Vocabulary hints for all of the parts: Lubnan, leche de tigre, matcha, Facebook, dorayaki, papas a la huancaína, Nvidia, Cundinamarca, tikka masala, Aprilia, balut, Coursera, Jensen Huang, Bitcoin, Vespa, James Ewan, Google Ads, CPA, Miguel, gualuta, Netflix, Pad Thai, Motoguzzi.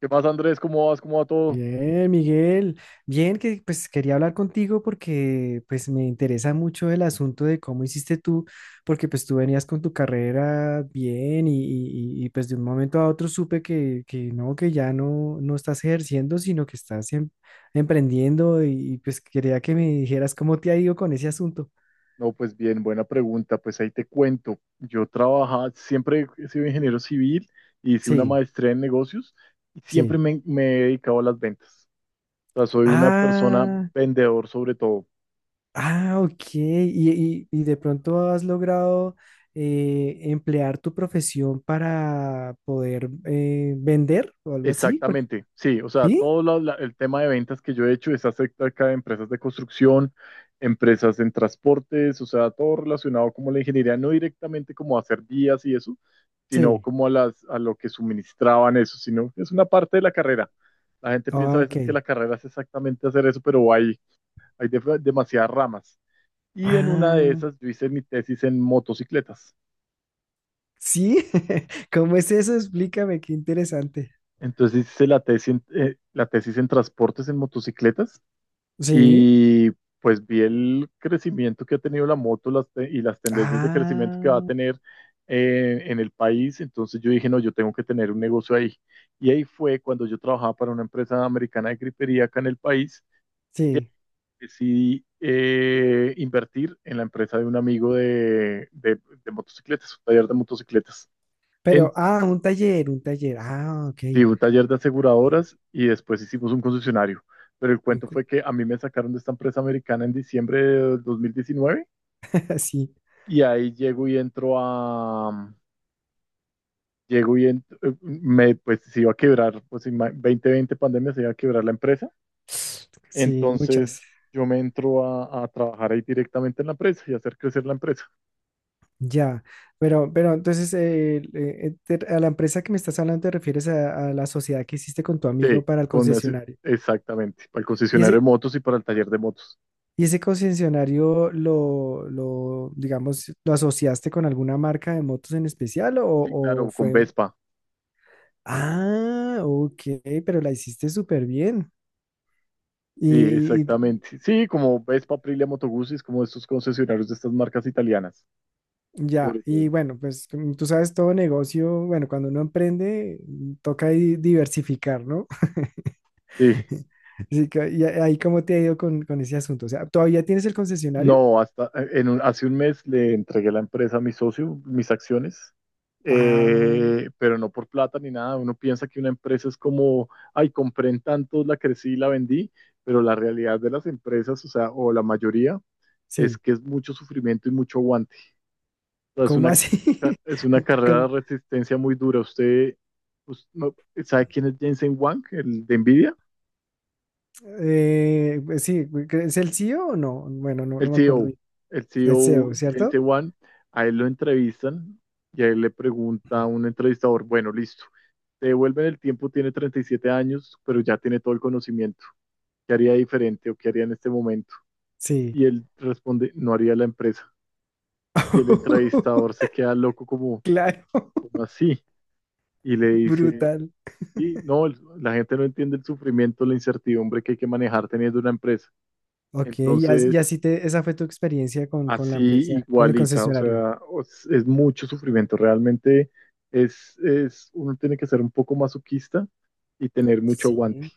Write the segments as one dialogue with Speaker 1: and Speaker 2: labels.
Speaker 1: ¿Qué más, Andrés? ¿Cómo vas? ¿Cómo va todo?
Speaker 2: Bien, Miguel. Bien, que pues quería hablar contigo porque pues me interesa mucho el asunto de cómo hiciste tú, porque pues tú venías con tu carrera bien y, pues de un momento a otro supe que no, que ya no estás ejerciendo, sino que estás emprendiendo y, pues quería que me dijeras cómo te ha ido con ese asunto.
Speaker 1: No, pues bien, buena pregunta. Pues ahí te cuento. Yo trabajaba, siempre he sido ingeniero civil, hice una
Speaker 2: Sí,
Speaker 1: maestría en negocios y siempre
Speaker 2: sí.
Speaker 1: me he dedicado a las ventas. O sea, soy una persona
Speaker 2: Ah.
Speaker 1: vendedor sobre todo.
Speaker 2: Ah, ok. ¿Y de pronto has logrado emplear tu profesión para poder vender o algo así?
Speaker 1: Exactamente, sí, o sea,
Speaker 2: ¿Sí?
Speaker 1: el tema de ventas que yo he hecho es acerca de empresas de construcción, empresas en transportes, o sea, todo relacionado como la ingeniería, no directamente como a hacer vías y eso, sino
Speaker 2: Sí.
Speaker 1: como a a lo que suministraban eso, sino es una parte de la carrera. La gente piensa a
Speaker 2: Ok.
Speaker 1: veces que la carrera es exactamente hacer eso, pero hay demasiadas ramas. Y en una de
Speaker 2: Ah,
Speaker 1: esas yo hice mi tesis en motocicletas.
Speaker 2: sí. ¿Cómo es eso? Explícame, qué interesante.
Speaker 1: Entonces hice la tesis en transportes en motocicletas.
Speaker 2: Sí.
Speaker 1: Y pues vi el crecimiento que ha tenido la moto las te- y las tendencias de crecimiento que va a
Speaker 2: Ah,
Speaker 1: tener en el país. Entonces yo dije, no, yo tengo que tener un negocio ahí. Y ahí fue cuando yo trabajaba para una empresa americana de gripería acá en el país.
Speaker 2: sí.
Speaker 1: Decidí invertir en la empresa de un amigo de motocicletas, un taller de motocicletas. En
Speaker 2: Pero, ah, un taller, un taller. Ah, ok.
Speaker 1: sí, un taller de aseguradoras y después hicimos un concesionario. Pero el
Speaker 2: Un
Speaker 1: cuento
Speaker 2: cu-
Speaker 1: fue que a mí me sacaron de esta empresa americana en diciembre de 2019
Speaker 2: Sí.
Speaker 1: y ahí llego y entro a, mm, llego y ent- me, pues se iba a quebrar, 2020 pandemia, se iba a quebrar la empresa,
Speaker 2: Sí,
Speaker 1: entonces
Speaker 2: muchas.
Speaker 1: yo me entro a trabajar ahí directamente en la empresa y hacer crecer la empresa.
Speaker 2: Ya, pero entonces a la empresa que me estás hablando te refieres a la sociedad que hiciste con tu
Speaker 1: Sí,
Speaker 2: amigo para el
Speaker 1: con ese-
Speaker 2: concesionario.
Speaker 1: exactamente, para el
Speaker 2: ¿Y
Speaker 1: concesionario de
Speaker 2: ese,
Speaker 1: motos y para el taller de motos.
Speaker 2: y ese concesionario lo, digamos, lo asociaste con alguna marca de motos en especial o,
Speaker 1: Sí,
Speaker 2: o
Speaker 1: claro, con
Speaker 2: fue?
Speaker 1: Vespa.
Speaker 2: Ah, ok, pero la hiciste súper bien. Y,
Speaker 1: Sí,
Speaker 2: y-
Speaker 1: exactamente. Sí, como Vespa, Aprilia, Motoguzzi, es como estos concesionarios de estas marcas italianas,
Speaker 2: ya,
Speaker 1: sobre
Speaker 2: y
Speaker 1: todo.
Speaker 2: bueno, pues como tú sabes, todo negocio, bueno, cuando uno emprende, toca diversificar, ¿no?
Speaker 1: Sí.
Speaker 2: Sí, ahí cómo te ha ido con ese asunto. O sea, ¿todavía tienes el concesionario?
Speaker 1: No, hasta hace un mes le entregué la empresa a mi socio, mis acciones,
Speaker 2: Ah,
Speaker 1: pero no por plata ni nada. Uno piensa que una empresa es como, ay, compré en tantos, la crecí y la vendí, pero la realidad de las empresas, o sea, o la mayoría, es
Speaker 2: sí.
Speaker 1: que es mucho sufrimiento y mucho aguante. O sea,
Speaker 2: ¿Cómo así?
Speaker 1: es una carrera
Speaker 2: ¿Cómo?
Speaker 1: de resistencia muy dura. Usted, us- no- ¿Sabe quién es Jensen Huang, el de Nvidia?
Speaker 2: Pues sí, ¿es el CEO o no? Bueno, no,
Speaker 1: El
Speaker 2: no me acuerdo
Speaker 1: CEO,
Speaker 2: bien.
Speaker 1: el
Speaker 2: Es
Speaker 1: CEO
Speaker 2: CEO,
Speaker 1: James
Speaker 2: ¿cierto?
Speaker 1: Ewan, a él lo entrevistan y a él le pregunta a un entrevistador, bueno, listo, te devuelven el tiempo, tiene 37 años, pero ya tiene todo el conocimiento. ¿Qué haría diferente o qué haría en este momento?
Speaker 2: Sí.
Speaker 1: Y él responde, no haría la empresa. Y el entrevistador se queda loco como,
Speaker 2: Claro,
Speaker 1: como así, y le dice,
Speaker 2: brutal.
Speaker 1: sí, no, la gente no entiende el sufrimiento, la incertidumbre que hay que manejar teniendo una empresa.
Speaker 2: Ok, y
Speaker 1: Entonces,
Speaker 2: así esa fue tu experiencia con la
Speaker 1: así
Speaker 2: empresa, con el
Speaker 1: igualita, o
Speaker 2: concesionario.
Speaker 1: sea, es, mucho sufrimiento, realmente uno tiene que ser un poco masoquista y tener mucho aguante.
Speaker 2: Sí.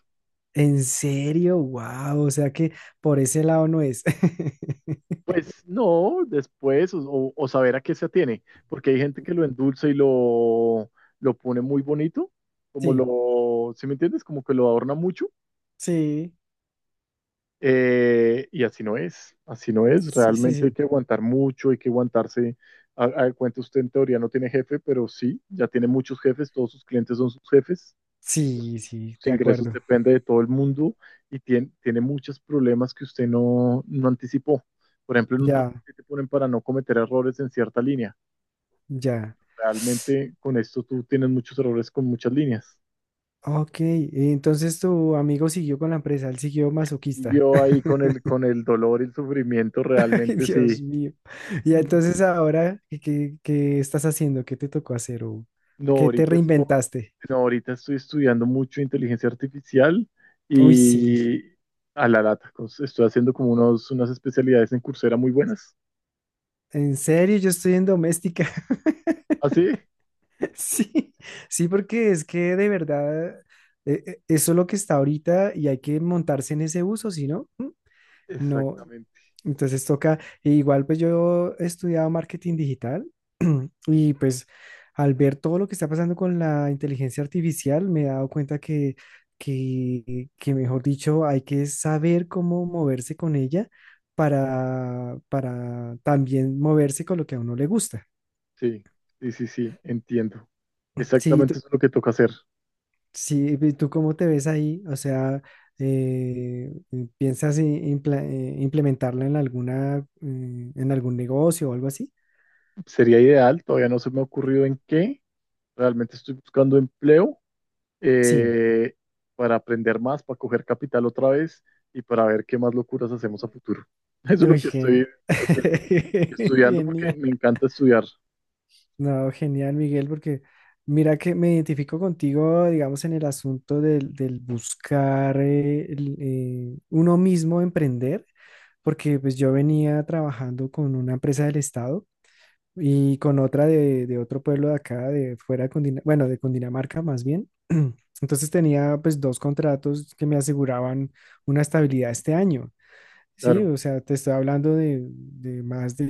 Speaker 2: ¿En serio? Wow, o sea que por ese lado no es.
Speaker 1: Pues no, después, o saber a qué se atiene, porque hay gente que lo endulza y lo pone muy bonito, como
Speaker 2: Sí,
Speaker 1: lo, ¿sí me entiendes? Como que lo adorna mucho,
Speaker 2: sí.
Speaker 1: y así no es,
Speaker 2: Sí, sí,
Speaker 1: realmente hay
Speaker 2: sí.
Speaker 1: que aguantar mucho, hay que aguantarse. A Cuenta usted en teoría no tiene jefe, pero sí, ya tiene muchos jefes, todos sus clientes son sus jefes.
Speaker 2: Sí, sí,
Speaker 1: Sus
Speaker 2: de
Speaker 1: ingresos
Speaker 2: acuerdo.
Speaker 1: depende de todo el mundo y tiene muchos problemas que usted no anticipó. Por ejemplo, en un
Speaker 2: Ya,
Speaker 1: trabajo que te ponen para no cometer errores en cierta línea.
Speaker 2: ya.
Speaker 1: Realmente con esto tú tienes muchos errores con muchas líneas.
Speaker 2: Ok, entonces tu amigo siguió con la empresa, él siguió
Speaker 1: Y
Speaker 2: masoquista.
Speaker 1: yo ahí con con el dolor y el sufrimiento
Speaker 2: Ay,
Speaker 1: realmente sí.
Speaker 2: Dios mío. Y entonces ahora, ¿qué estás haciendo? ¿Qué te tocó hacer? ¿O
Speaker 1: No,
Speaker 2: qué te
Speaker 1: ahorita estoy,
Speaker 2: reinventaste?
Speaker 1: no, ahorita estoy estudiando mucho inteligencia artificial
Speaker 2: Uy, sí.
Speaker 1: y a la lata. Pues, estoy haciendo como unas especialidades en Coursera muy buenas.
Speaker 2: En serio, yo estoy en doméstica.
Speaker 1: ¿Ah, sí?
Speaker 2: Sí, sí, porque es que de verdad, eso es lo que está ahorita y hay que montarse en ese uso, si no, ¿Mm? No,
Speaker 1: Exactamente.
Speaker 2: entonces toca, e igual pues yo he estudiado marketing digital y pues al ver todo lo que está pasando con la inteligencia artificial me he dado cuenta que mejor dicho, hay que saber cómo moverse con ella para también moverse con lo que a uno le gusta.
Speaker 1: Sí, sí, sí, sí, entiendo.
Speaker 2: Sí,
Speaker 1: Exactamente
Speaker 2: tú,
Speaker 1: eso es lo que toca hacer.
Speaker 2: sí, ¿y tú cómo te ves ahí? O sea, eh, ¿piensas implementarla en en algún negocio o algo así?
Speaker 1: Sería ideal, todavía no se me ha ocurrido en qué. Realmente estoy buscando empleo,
Speaker 2: Sí.
Speaker 1: eh, para aprender más, para coger capital otra vez y para ver qué más locuras hacemos a futuro. Eso es
Speaker 2: Uy,
Speaker 1: lo que estoy haciendo. Estudiando porque
Speaker 2: genial.
Speaker 1: me encanta estudiar.
Speaker 2: No, genial, Miguel, porque mira que me identifico contigo, digamos, en el asunto del buscar uno mismo emprender, porque pues yo venía trabajando con una empresa del Estado y con otra de otro pueblo de acá, de fuera de bueno, de Cundinamarca más bien. Entonces tenía pues dos contratos que me aseguraban una estabilidad este año. Sí,
Speaker 1: Claro,
Speaker 2: o sea, te estoy hablando de más de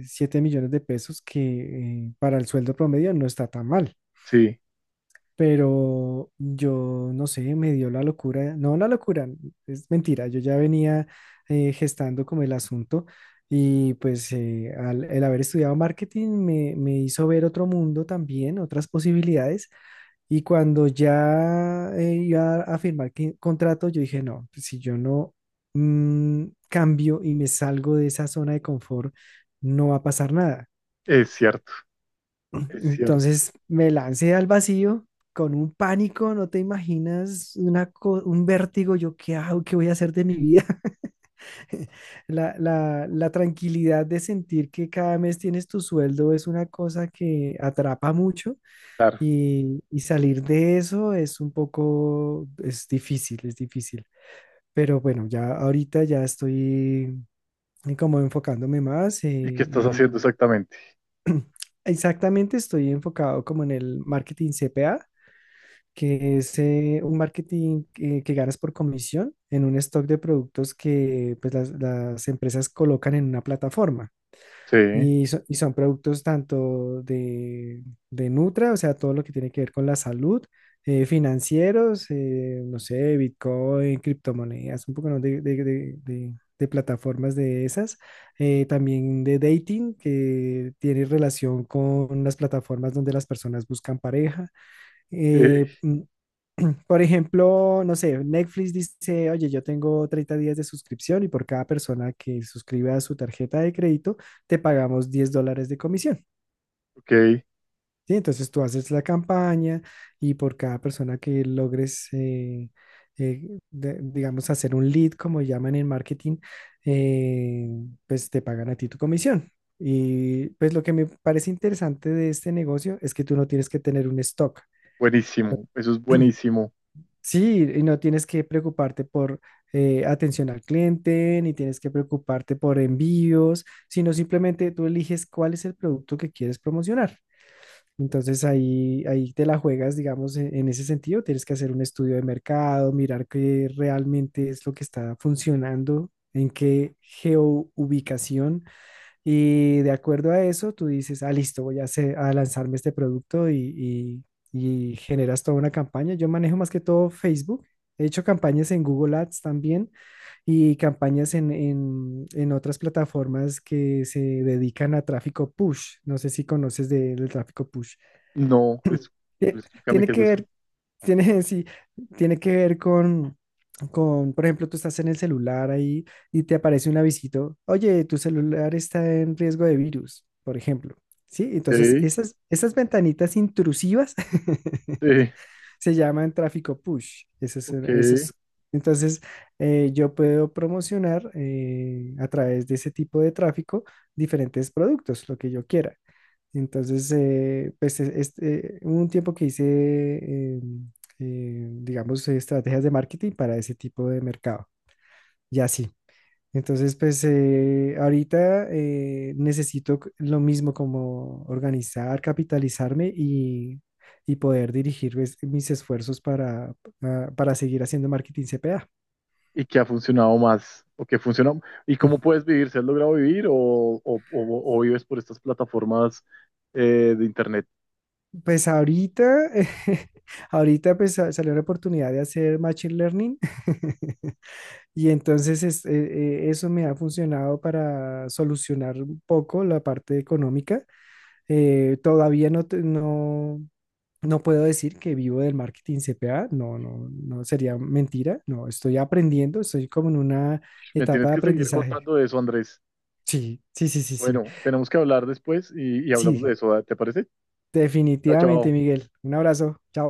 Speaker 2: 7 millones de pesos que para el sueldo promedio no está tan mal,
Speaker 1: sí,
Speaker 2: pero yo no sé, me dio la locura, no la locura, es mentira, yo ya venía gestando como el asunto y pues el haber estudiado marketing me hizo ver otro mundo también, otras posibilidades y cuando ya iba a firmar contrato, yo dije, no, pues, si yo no cambio y me salgo de esa zona de confort, no va a pasar nada.
Speaker 1: es cierto, es cierto.
Speaker 2: Entonces me lancé al vacío con un pánico, no te imaginas, un vértigo, yo qué hago, qué voy a hacer de mi vida. La tranquilidad de sentir que cada mes tienes tu sueldo es una cosa que atrapa mucho.
Speaker 1: Claro.
Speaker 2: Y salir de eso es un poco, es difícil, es difícil. Pero bueno, ya ahorita ya estoy como enfocándome más,
Speaker 1: ¿Y qué estás
Speaker 2: y
Speaker 1: haciendo exactamente?
Speaker 2: exactamente estoy enfocado como en el marketing CPA, que es un marketing que ganas por comisión en un stock de productos que pues, las empresas colocan en una plataforma.
Speaker 1: Sí,
Speaker 2: Y son productos tanto de Nutra, o sea, todo lo que tiene que ver con la salud, financieros, no sé, Bitcoin, criptomonedas, un poco, ¿no? de plataformas de esas. También de dating, que tiene relación con las plataformas donde las personas buscan pareja. eh,
Speaker 1: eh,
Speaker 2: mm, por ejemplo, no sé, Netflix dice, oye, yo tengo 30 días de suscripción y por cada persona que suscriba a su tarjeta de crédito, te pagamos $10 de comisión.
Speaker 1: ok,
Speaker 2: ¿Sí? Entonces tú haces la campaña y por cada persona que logres, digamos, hacer un lead, como llaman en marketing, eh, pues te pagan a ti tu comisión. Y pues lo que me parece interesante de este negocio es que tú no tienes que tener un stock.
Speaker 1: buenísimo, eso es buenísimo.
Speaker 2: Sí, y no tienes que preocuparte por atención al cliente, ni tienes que preocuparte por envíos, sino simplemente tú eliges cuál es el producto que quieres promocionar. Entonces ahí te la juegas, digamos, en ese sentido. Tienes que hacer un estudio de mercado, mirar qué realmente es lo que está funcionando, en qué geoubicación y de acuerdo a eso, tú dices, ah, listo, voy a lanzarme este producto y generas toda una campaña. Yo manejo más que todo Facebook. He hecho campañas en Google Ads también y campañas en otras plataformas que se dedican a tráfico push. No sé si conoces del tráfico push.
Speaker 1: No, pues
Speaker 2: Eh,
Speaker 1: explícame
Speaker 2: Tiene
Speaker 1: qué es
Speaker 2: que
Speaker 1: eso.
Speaker 2: ver tiene, sí, tiene que ver con, por ejemplo, tú estás en el celular ahí y te aparece un avisito, oye, tu celular está en riesgo de virus, por ejemplo. Sí, entonces
Speaker 1: Ok,
Speaker 2: esas ventanitas intrusivas
Speaker 1: sí,
Speaker 2: se llaman tráfico push. Eso es,
Speaker 1: ok.
Speaker 2: eso es- entonces eh, yo puedo promocionar a través de ese tipo de tráfico diferentes productos, lo que yo quiera. Entonces, pues hubo un tiempo que hice, eh, digamos, estrategias de marketing para ese tipo de mercado. Y así. Entonces, pues ahorita necesito lo mismo como organizar, capitalizarme y poder dirigir pues, mis esfuerzos para seguir haciendo marketing CPA.
Speaker 1: ¿Y qué ha funcionado más? ¿O qué funciona? ¿Y cómo puedes vivir? ¿Se has logrado vivir o, o vives por estas plataformas de internet?
Speaker 2: Pues ahorita, ahorita pues salió la oportunidad de hacer machine learning. Y entonces eso me ha funcionado para solucionar un poco la parte económica. Todavía no, no puedo decir que vivo del marketing CPA. No, no, no sería mentira, no, estoy aprendiendo, estoy como en una
Speaker 1: Me
Speaker 2: etapa
Speaker 1: tienes
Speaker 2: de
Speaker 1: que seguir
Speaker 2: aprendizaje.
Speaker 1: contando de eso, Andrés.
Speaker 2: Sí, sí, sí, sí, sí,
Speaker 1: Bueno, tenemos que hablar después y hablamos de
Speaker 2: sí,
Speaker 1: eso, ¿vale? ¿Te parece? Chao, chao.
Speaker 2: definitivamente, Miguel. Un abrazo, chao.